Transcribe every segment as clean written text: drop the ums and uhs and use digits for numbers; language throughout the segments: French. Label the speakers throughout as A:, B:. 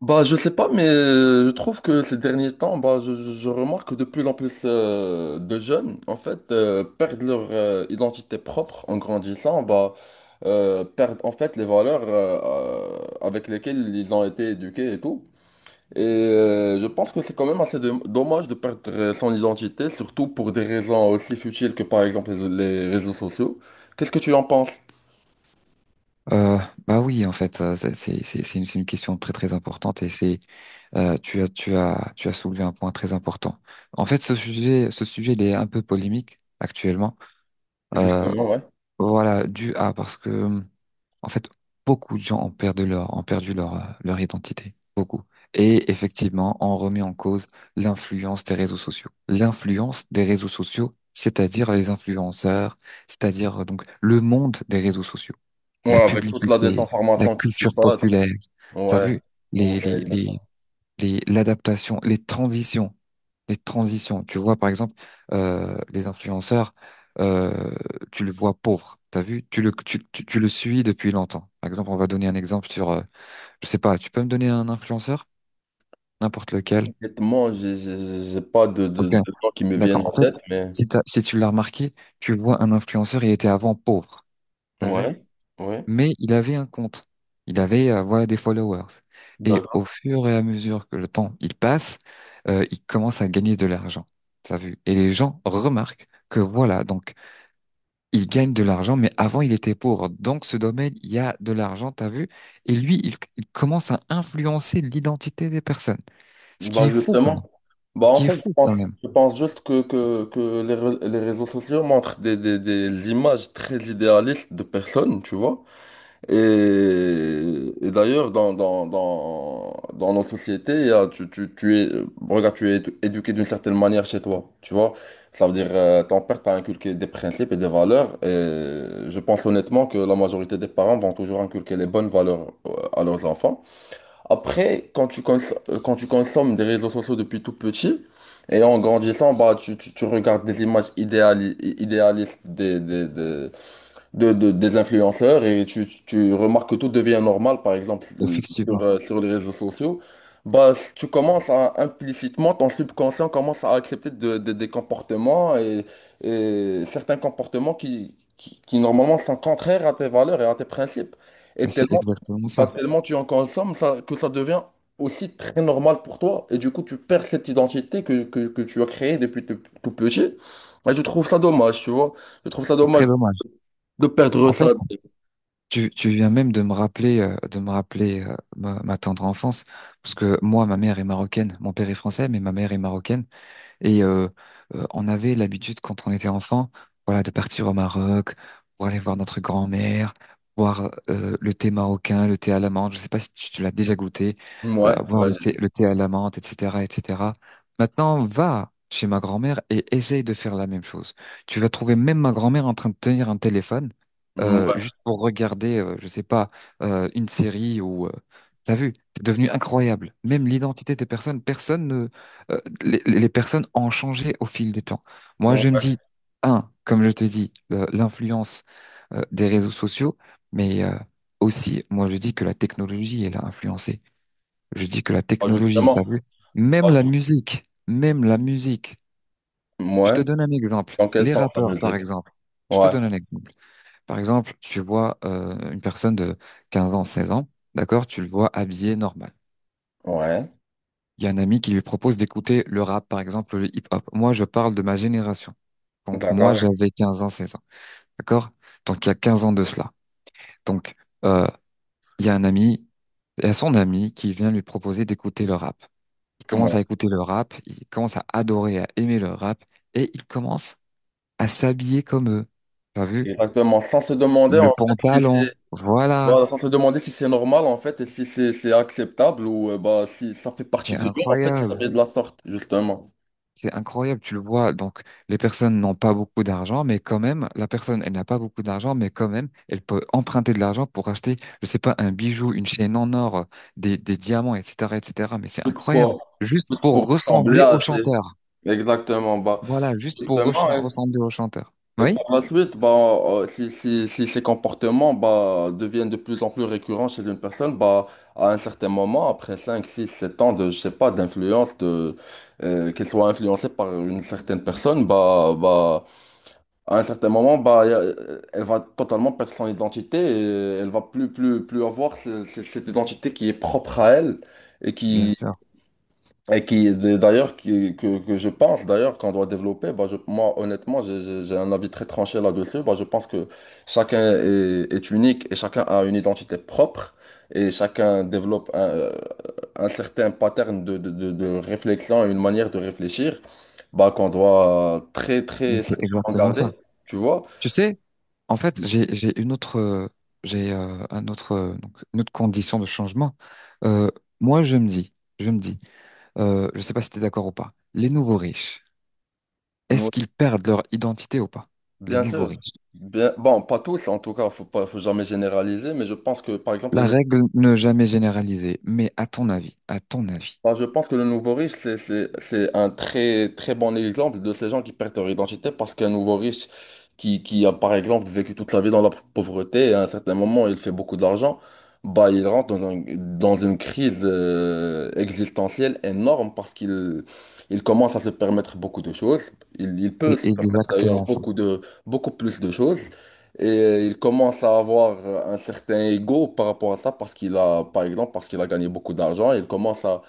A: Bah, je sais pas, mais je trouve que ces derniers temps, bah, je remarque que de plus en plus de jeunes, en fait, perdent leur identité propre en grandissant, bah, perdent en fait les valeurs avec lesquelles ils ont été éduqués et tout. Et je pense que c'est quand même assez dommage de perdre son identité, surtout pour des raisons aussi futiles que par exemple les réseaux sociaux. Qu'est-ce que tu en penses?
B: Euh, bah oui, en fait, c'est une question très très importante et c'est tu as soulevé un point très important. En fait, ce sujet il est un peu polémique actuellement. Euh,
A: Justement, ouais.
B: voilà, dû à parce que en fait beaucoup de gens ont perdu leur leur identité, beaucoup. Et effectivement, on remet en cause l'influence des réseaux sociaux. L'influence des réseaux sociaux, c'est-à-dire les influenceurs, c'est-à-dire donc le monde des réseaux sociaux, la
A: Ouais, avec toute la
B: publicité, la
A: désinformation qui s'y
B: culture
A: passe.
B: populaire. T'as
A: Ouais.
B: vu les les
A: Ouais.
B: les les l'adaptation, les transitions. Tu vois par exemple les influenceurs, euh, tu le vois pauvre. T'as vu? Tu le suis depuis longtemps. Par exemple, on va donner un exemple sur je sais pas. Tu peux me donner un influenceur, n'importe lequel.
A: Honnêtement, j'ai pas de, de,
B: Ok,
A: de gens qui me
B: d'accord.
A: viennent
B: En
A: en
B: fait,
A: tête, mais
B: si si tu l'as remarqué, tu vois un influenceur, il était avant pauvre. T'as vu?
A: ouais, ouais.
B: Mais il avait un compte. Il avait voilà des followers. Et au
A: D'accord.
B: fur et à mesure que le temps il passe, il commence à gagner de l'argent. T'as vu? Et les gens remarquent que voilà, donc il gagne de l'argent, mais avant il était pauvre. Donc ce domaine, il y a de l'argent, t'as vu? Et lui, il commence à influencer l'identité des personnes. Ce qui
A: Bah
B: est fou quand
A: justement.
B: même.
A: Bah
B: Ce
A: en
B: qui est
A: fait, je
B: fou quand
A: pense,
B: même.
A: je pense juste que les réseaux sociaux montrent des images très idéalistes de personnes, tu vois. Et d'ailleurs, dans nos sociétés, tu es éduqué d'une certaine manière chez toi, tu vois. Ça veut dire, ton père t'a inculqué des principes et des valeurs, et je pense honnêtement que la majorité des parents vont toujours inculquer les bonnes valeurs à leurs enfants. Après, quand tu consommes des réseaux sociaux depuis tout petit, et en grandissant, bah, tu regardes des images idéalistes des influenceurs et tu remarques que tout devient normal, par exemple
B: Effectivement,
A: sur les réseaux sociaux, bah, tu commences à implicitement, ton subconscient commence à accepter des comportements et certains comportements qui normalement sont contraires à tes valeurs et à tes principes. Et
B: mais c'est
A: tellement,
B: exactement
A: bah,
B: ça.
A: tellement tu en consommes ça, que ça devient aussi très normal pour toi. Et du coup, tu perds cette identité que tu as créée depuis tout tout petit. Moi, je trouve ça dommage, tu vois. Je trouve ça
B: C'est
A: dommage
B: très dommage.
A: de perdre
B: En fait,
A: ça.
B: tu viens même de me rappeler ma tendre enfance, parce que moi, ma mère est marocaine, mon père est français, mais ma mère est marocaine. Et on avait l'habitude quand on était enfant, voilà, de partir au Maroc pour aller voir notre grand-mère, boire le thé marocain, le thé à la menthe. Je sais pas si tu l'as déjà goûté,
A: Ouais,
B: boire
A: ouais,
B: le thé à la menthe, etc., etc. Maintenant, va chez ma grand-mère et essaye de faire la même chose. Tu vas trouver même ma grand-mère en train de tenir un téléphone
A: ouais,
B: juste pour regarder, je sais pas, une série ou t'as vu, c'est devenu incroyable. Même l'identité des personnes, personne ne, les personnes ont changé au fil des temps. Moi,
A: ouais,
B: je me
A: ouais.
B: dis, un, comme je te dis, l'influence des réseaux sociaux, mais aussi, moi, je dis que la technologie, elle a influencé. Je dis que la
A: Ah,
B: technologie, t'as
A: justement,
B: vu, même
A: ouais,
B: la musique, même la musique. Je
A: ouais,
B: te donne un exemple.
A: dans quel
B: Les
A: sens la
B: rappeurs, par
A: musique?
B: exemple. Je te
A: Ouais,
B: donne un exemple. Par exemple, tu vois une personne de 15 ans, 16 ans, d'accord, tu le vois habillé normal.
A: ouais,
B: Il y a un ami qui lui propose d'écouter le rap, par exemple, le hip-hop. Moi, je parle de ma génération, quand moi
A: d'accord,
B: j'avais 15 ans, 16 ans. D'accord? Donc il y a 15 ans de cela. Donc euh, il y a un ami, il y a son ami qui vient lui proposer d'écouter le rap. Il commence
A: ouais.
B: à écouter le rap, il commence à adorer, à aimer le rap, et il commence à s'habiller comme eux. T'as vu?
A: Exactement, sans se demander
B: Le
A: en fait si c'est,
B: pantalon, voilà,
A: voilà, sans se demander si c'est normal en fait et si c'est acceptable ou bah si ça fait
B: c'est
A: partie de lui en fait de
B: incroyable.
A: s'habiller de la sorte, justement.
B: C'est incroyable, tu le vois. Donc, les personnes n'ont pas beaucoup d'argent, mais quand même, la personne, elle n'a pas beaucoup d'argent, mais quand même, elle peut emprunter de l'argent pour acheter, je sais pas, un bijou, une chaîne en or, des diamants, etc., etc. Mais c'est
A: Tout
B: incroyable.
A: pour,
B: Juste
A: tout pour
B: pour
A: ressembler
B: ressembler
A: à
B: au
A: ses-
B: chanteur.
A: Exactement, bah,
B: Voilà, juste pour
A: justement, ouais.
B: ressembler au chanteur.
A: Et par
B: Oui?
A: la suite, bah, si ces comportements bah, deviennent de plus en plus récurrents chez une personne, bah, à un certain moment, après 5 6 7 ans de, je sais pas, d'influence, qu'elle soit influencée par une certaine personne, bah, à un certain moment, bah, elle va totalement perdre son identité et elle va plus avoir cette identité qui est propre à elle et
B: Bien
A: qui,
B: sûr.
A: et qui, d'ailleurs, qui, que je pense d'ailleurs qu'on doit développer, bah, moi, honnêtement, j'ai un avis très tranché là-dessus. Bah, je pense que chacun est unique et chacun a une identité propre et chacun développe un certain pattern de réflexion, une manière de réfléchir, bah, qu'on doit très,
B: Mais
A: très
B: c'est
A: sacrément
B: exactement
A: garder,
B: ça.
A: tu vois.
B: Tu sais, en fait, j'ai une autre, un autre, donc, une autre condition de changement. Euh, moi, je me dis, je me dis, je sais pas si tu es d'accord ou pas, les nouveaux riches,
A: Oui,
B: est-ce qu'ils perdent leur identité ou pas? Les
A: bien
B: nouveaux
A: sûr.
B: riches.
A: Bon, pas tous, en tout cas, faut pas, faut jamais généraliser, mais je pense que, par exemple, les.
B: La règle ne jamais généraliser, mais à ton avis,
A: Bah, je pense que le nouveau riche, c'est un très bon exemple de ces gens qui perdent leur identité parce qu'un nouveau riche qui a, par exemple, vécu toute sa vie dans la pauvreté à un certain moment, il fait beaucoup d'argent, bah, il rentre dans dans une crise existentielle énorme parce qu'il il commence à se permettre beaucoup de choses. Il peut
B: c'est
A: se permettre d'ailleurs
B: exactement ça.
A: beaucoup plus de choses. Et il commence à avoir un certain ego par rapport à ça parce qu'il a gagné beaucoup d'argent. Il commence à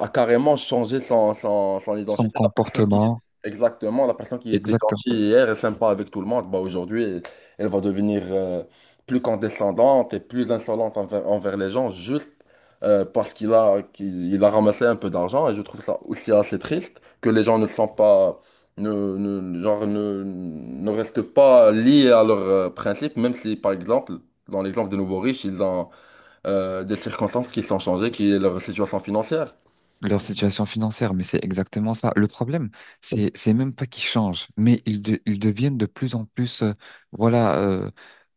A: a carrément changé son
B: Son
A: identité.
B: comportement,
A: Exactement, la personne qui était
B: exactement.
A: gentille hier et sympa avec tout le monde, bah aujourd'hui, elle va devenir plus condescendante et plus insolente envers les gens juste parce qu'il a, il a ramassé un peu d'argent. Et je trouve ça aussi assez triste que les gens ne sont pas, ne, genre, ne restent pas liés à leurs principes, même si, par exemple, dans l'exemple des nouveaux riches, ils ont des circonstances qui sont changées, qui est leur situation financière.
B: Leur situation financière, mais c'est exactement ça. Le problème, c'est même pas qu'ils changent, mais ils deviennent de plus en plus, voilà, euh,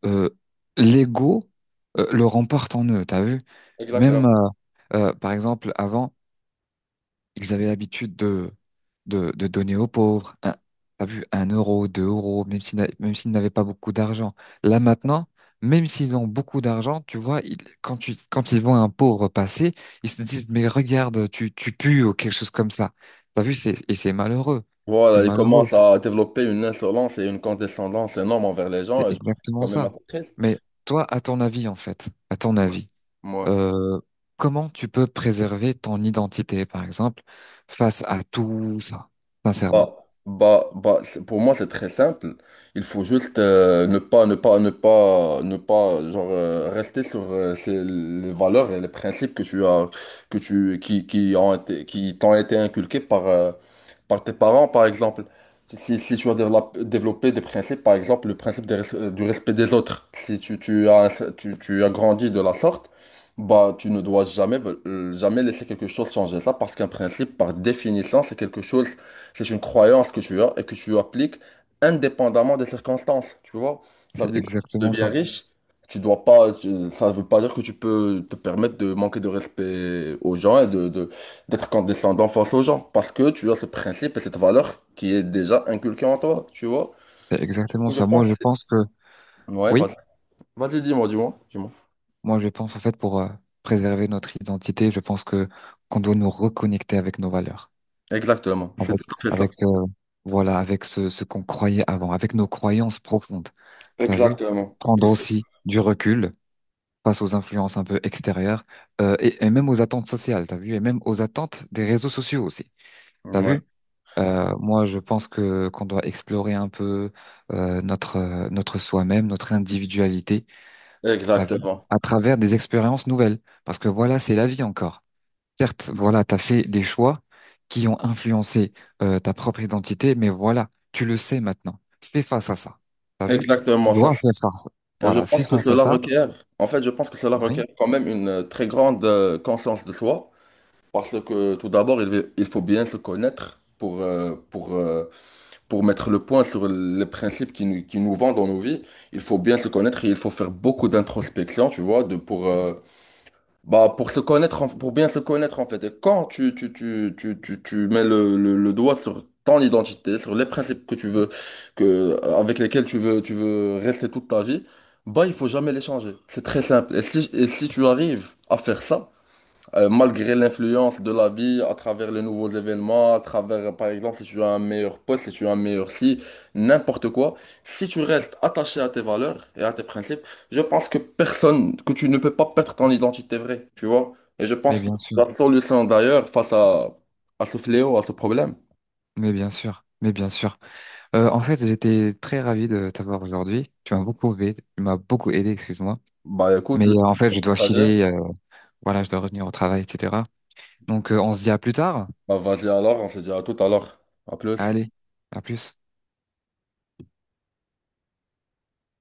B: euh, l'ego le remporte en eux. T'as vu?
A: Exactement.
B: Même par exemple avant. Ils avaient l'habitude de donner aux pauvres, un, t'as vu, 1 euro, 2 euros, même s'ils n'a- même s'ils n'avaient pas beaucoup d'argent. Là maintenant, même s'ils ont beaucoup d'argent, tu vois, quand ils voient un pauvre passer, ils se disent, mais regarde, tu pues ou quelque chose comme ça. T'as vu, et c'est malheureux. C'est
A: Voilà, il
B: malheureux.
A: commence à développer une insolence et une condescendance énorme envers les
B: C'est
A: gens, et je trouve que c'est quand
B: exactement
A: même un
B: ça.
A: peu triste.
B: Mais toi, à ton avis, en fait, à ton
A: Ouais.
B: avis,
A: Ouais.
B: euh, comment tu peux préserver ton identité, par exemple, face à tout ça, sincèrement?
A: Bah, pour moi, c'est très simple. Il faut juste ne pas, genre, rester sur les valeurs et les principes que tu as, qui ont été, qui t'ont été inculqués par tes parents, par exemple. Si tu as développé des principes, par exemple, le principe du respect des autres, si tu as grandi de la sorte, bah, tu ne dois jamais, jamais laisser quelque chose changer ça parce qu'un principe, par définition, c'est quelque chose. C'est une croyance que tu as et que tu appliques indépendamment des circonstances, tu vois. Ça
B: C'est
A: veut dire que si tu
B: exactement
A: deviens
B: ça.
A: riche, tu dois pas, ça veut pas dire que tu peux te permettre de manquer de respect aux gens et d'être condescendant face aux gens, parce que tu as ce principe et cette valeur qui est déjà inculquée en toi, tu vois.
B: C'est
A: Du
B: exactement
A: coup, je
B: ça.
A: pense.
B: Moi, je pense que,
A: Ouais,
B: oui,
A: vas-y. Vas-y, dis-moi, dis-moi, dis-moi.
B: moi, je pense en fait pour préserver notre identité, je pense que qu'on doit nous reconnecter avec nos valeurs,
A: Exactement, c'est
B: avec,
A: tout à fait ça.
B: avec voilà, avec ce qu'on croyait avant, avec nos croyances profondes. T'as vu?
A: Exactement.
B: Prendre aussi du recul face aux influences un peu extérieures et même aux attentes sociales. T'as vu? Et même aux attentes des réseaux sociaux aussi. T'as
A: Ouais,
B: vu? Moi, je pense que qu'on doit explorer un peu notre notre soi-même, notre individualité, t'as vu,
A: exactement.
B: à travers des expériences nouvelles. Parce que voilà, c'est la vie encore. Certes, voilà, t'as fait des choix qui ont influencé ta propre identité, mais voilà, tu le sais maintenant. Fais face à ça. T'as vu? Tu
A: Exactement, ça.
B: dois faire face.
A: Et je
B: Voilà, fais
A: pense que
B: face à
A: cela
B: ça.
A: requiert, en fait, je pense que cela requiert
B: Oui,
A: quand même une très grande conscience de soi, parce que tout d'abord, il faut bien se connaître pour mettre le point sur les principes qui nous vendent dans nos vies. Il faut bien se connaître et il faut faire beaucoup d'introspection, tu vois, bah, pour se connaître, pour bien se connaître en fait. Et quand tu mets le doigt sur ton identité, sur les principes que tu veux, avec lesquels tu veux rester toute ta vie, bah, il faut jamais les changer. C'est très simple. Et si tu arrives à faire ça, malgré l'influence de la vie, à travers les nouveaux événements, à travers, par exemple, si tu as un meilleur poste, si tu as un meilleur si, n'importe quoi, si tu restes attaché à tes valeurs et à tes principes, je pense que personne, que tu ne peux pas perdre ton identité vraie, tu vois. Et je
B: mais
A: pense que
B: bien
A: c'est
B: sûr,
A: la solution d'ailleurs à ce fléau, à ce problème.
B: mais bien sûr, mais bien sûr. En fait, j'étais très ravi de t'avoir aujourd'hui. Tu m'as beaucoup aidé, tu m'as beaucoup aidé, excuse-moi.
A: Bah
B: Mais
A: écoute, le
B: en fait, je dois
A: partager.
B: filer, voilà, je dois revenir au travail, etc. Donc, on se dit à plus tard.
A: Bah vas-y alors, on se dit à tout à l'heure. À plus.
B: Allez, à plus.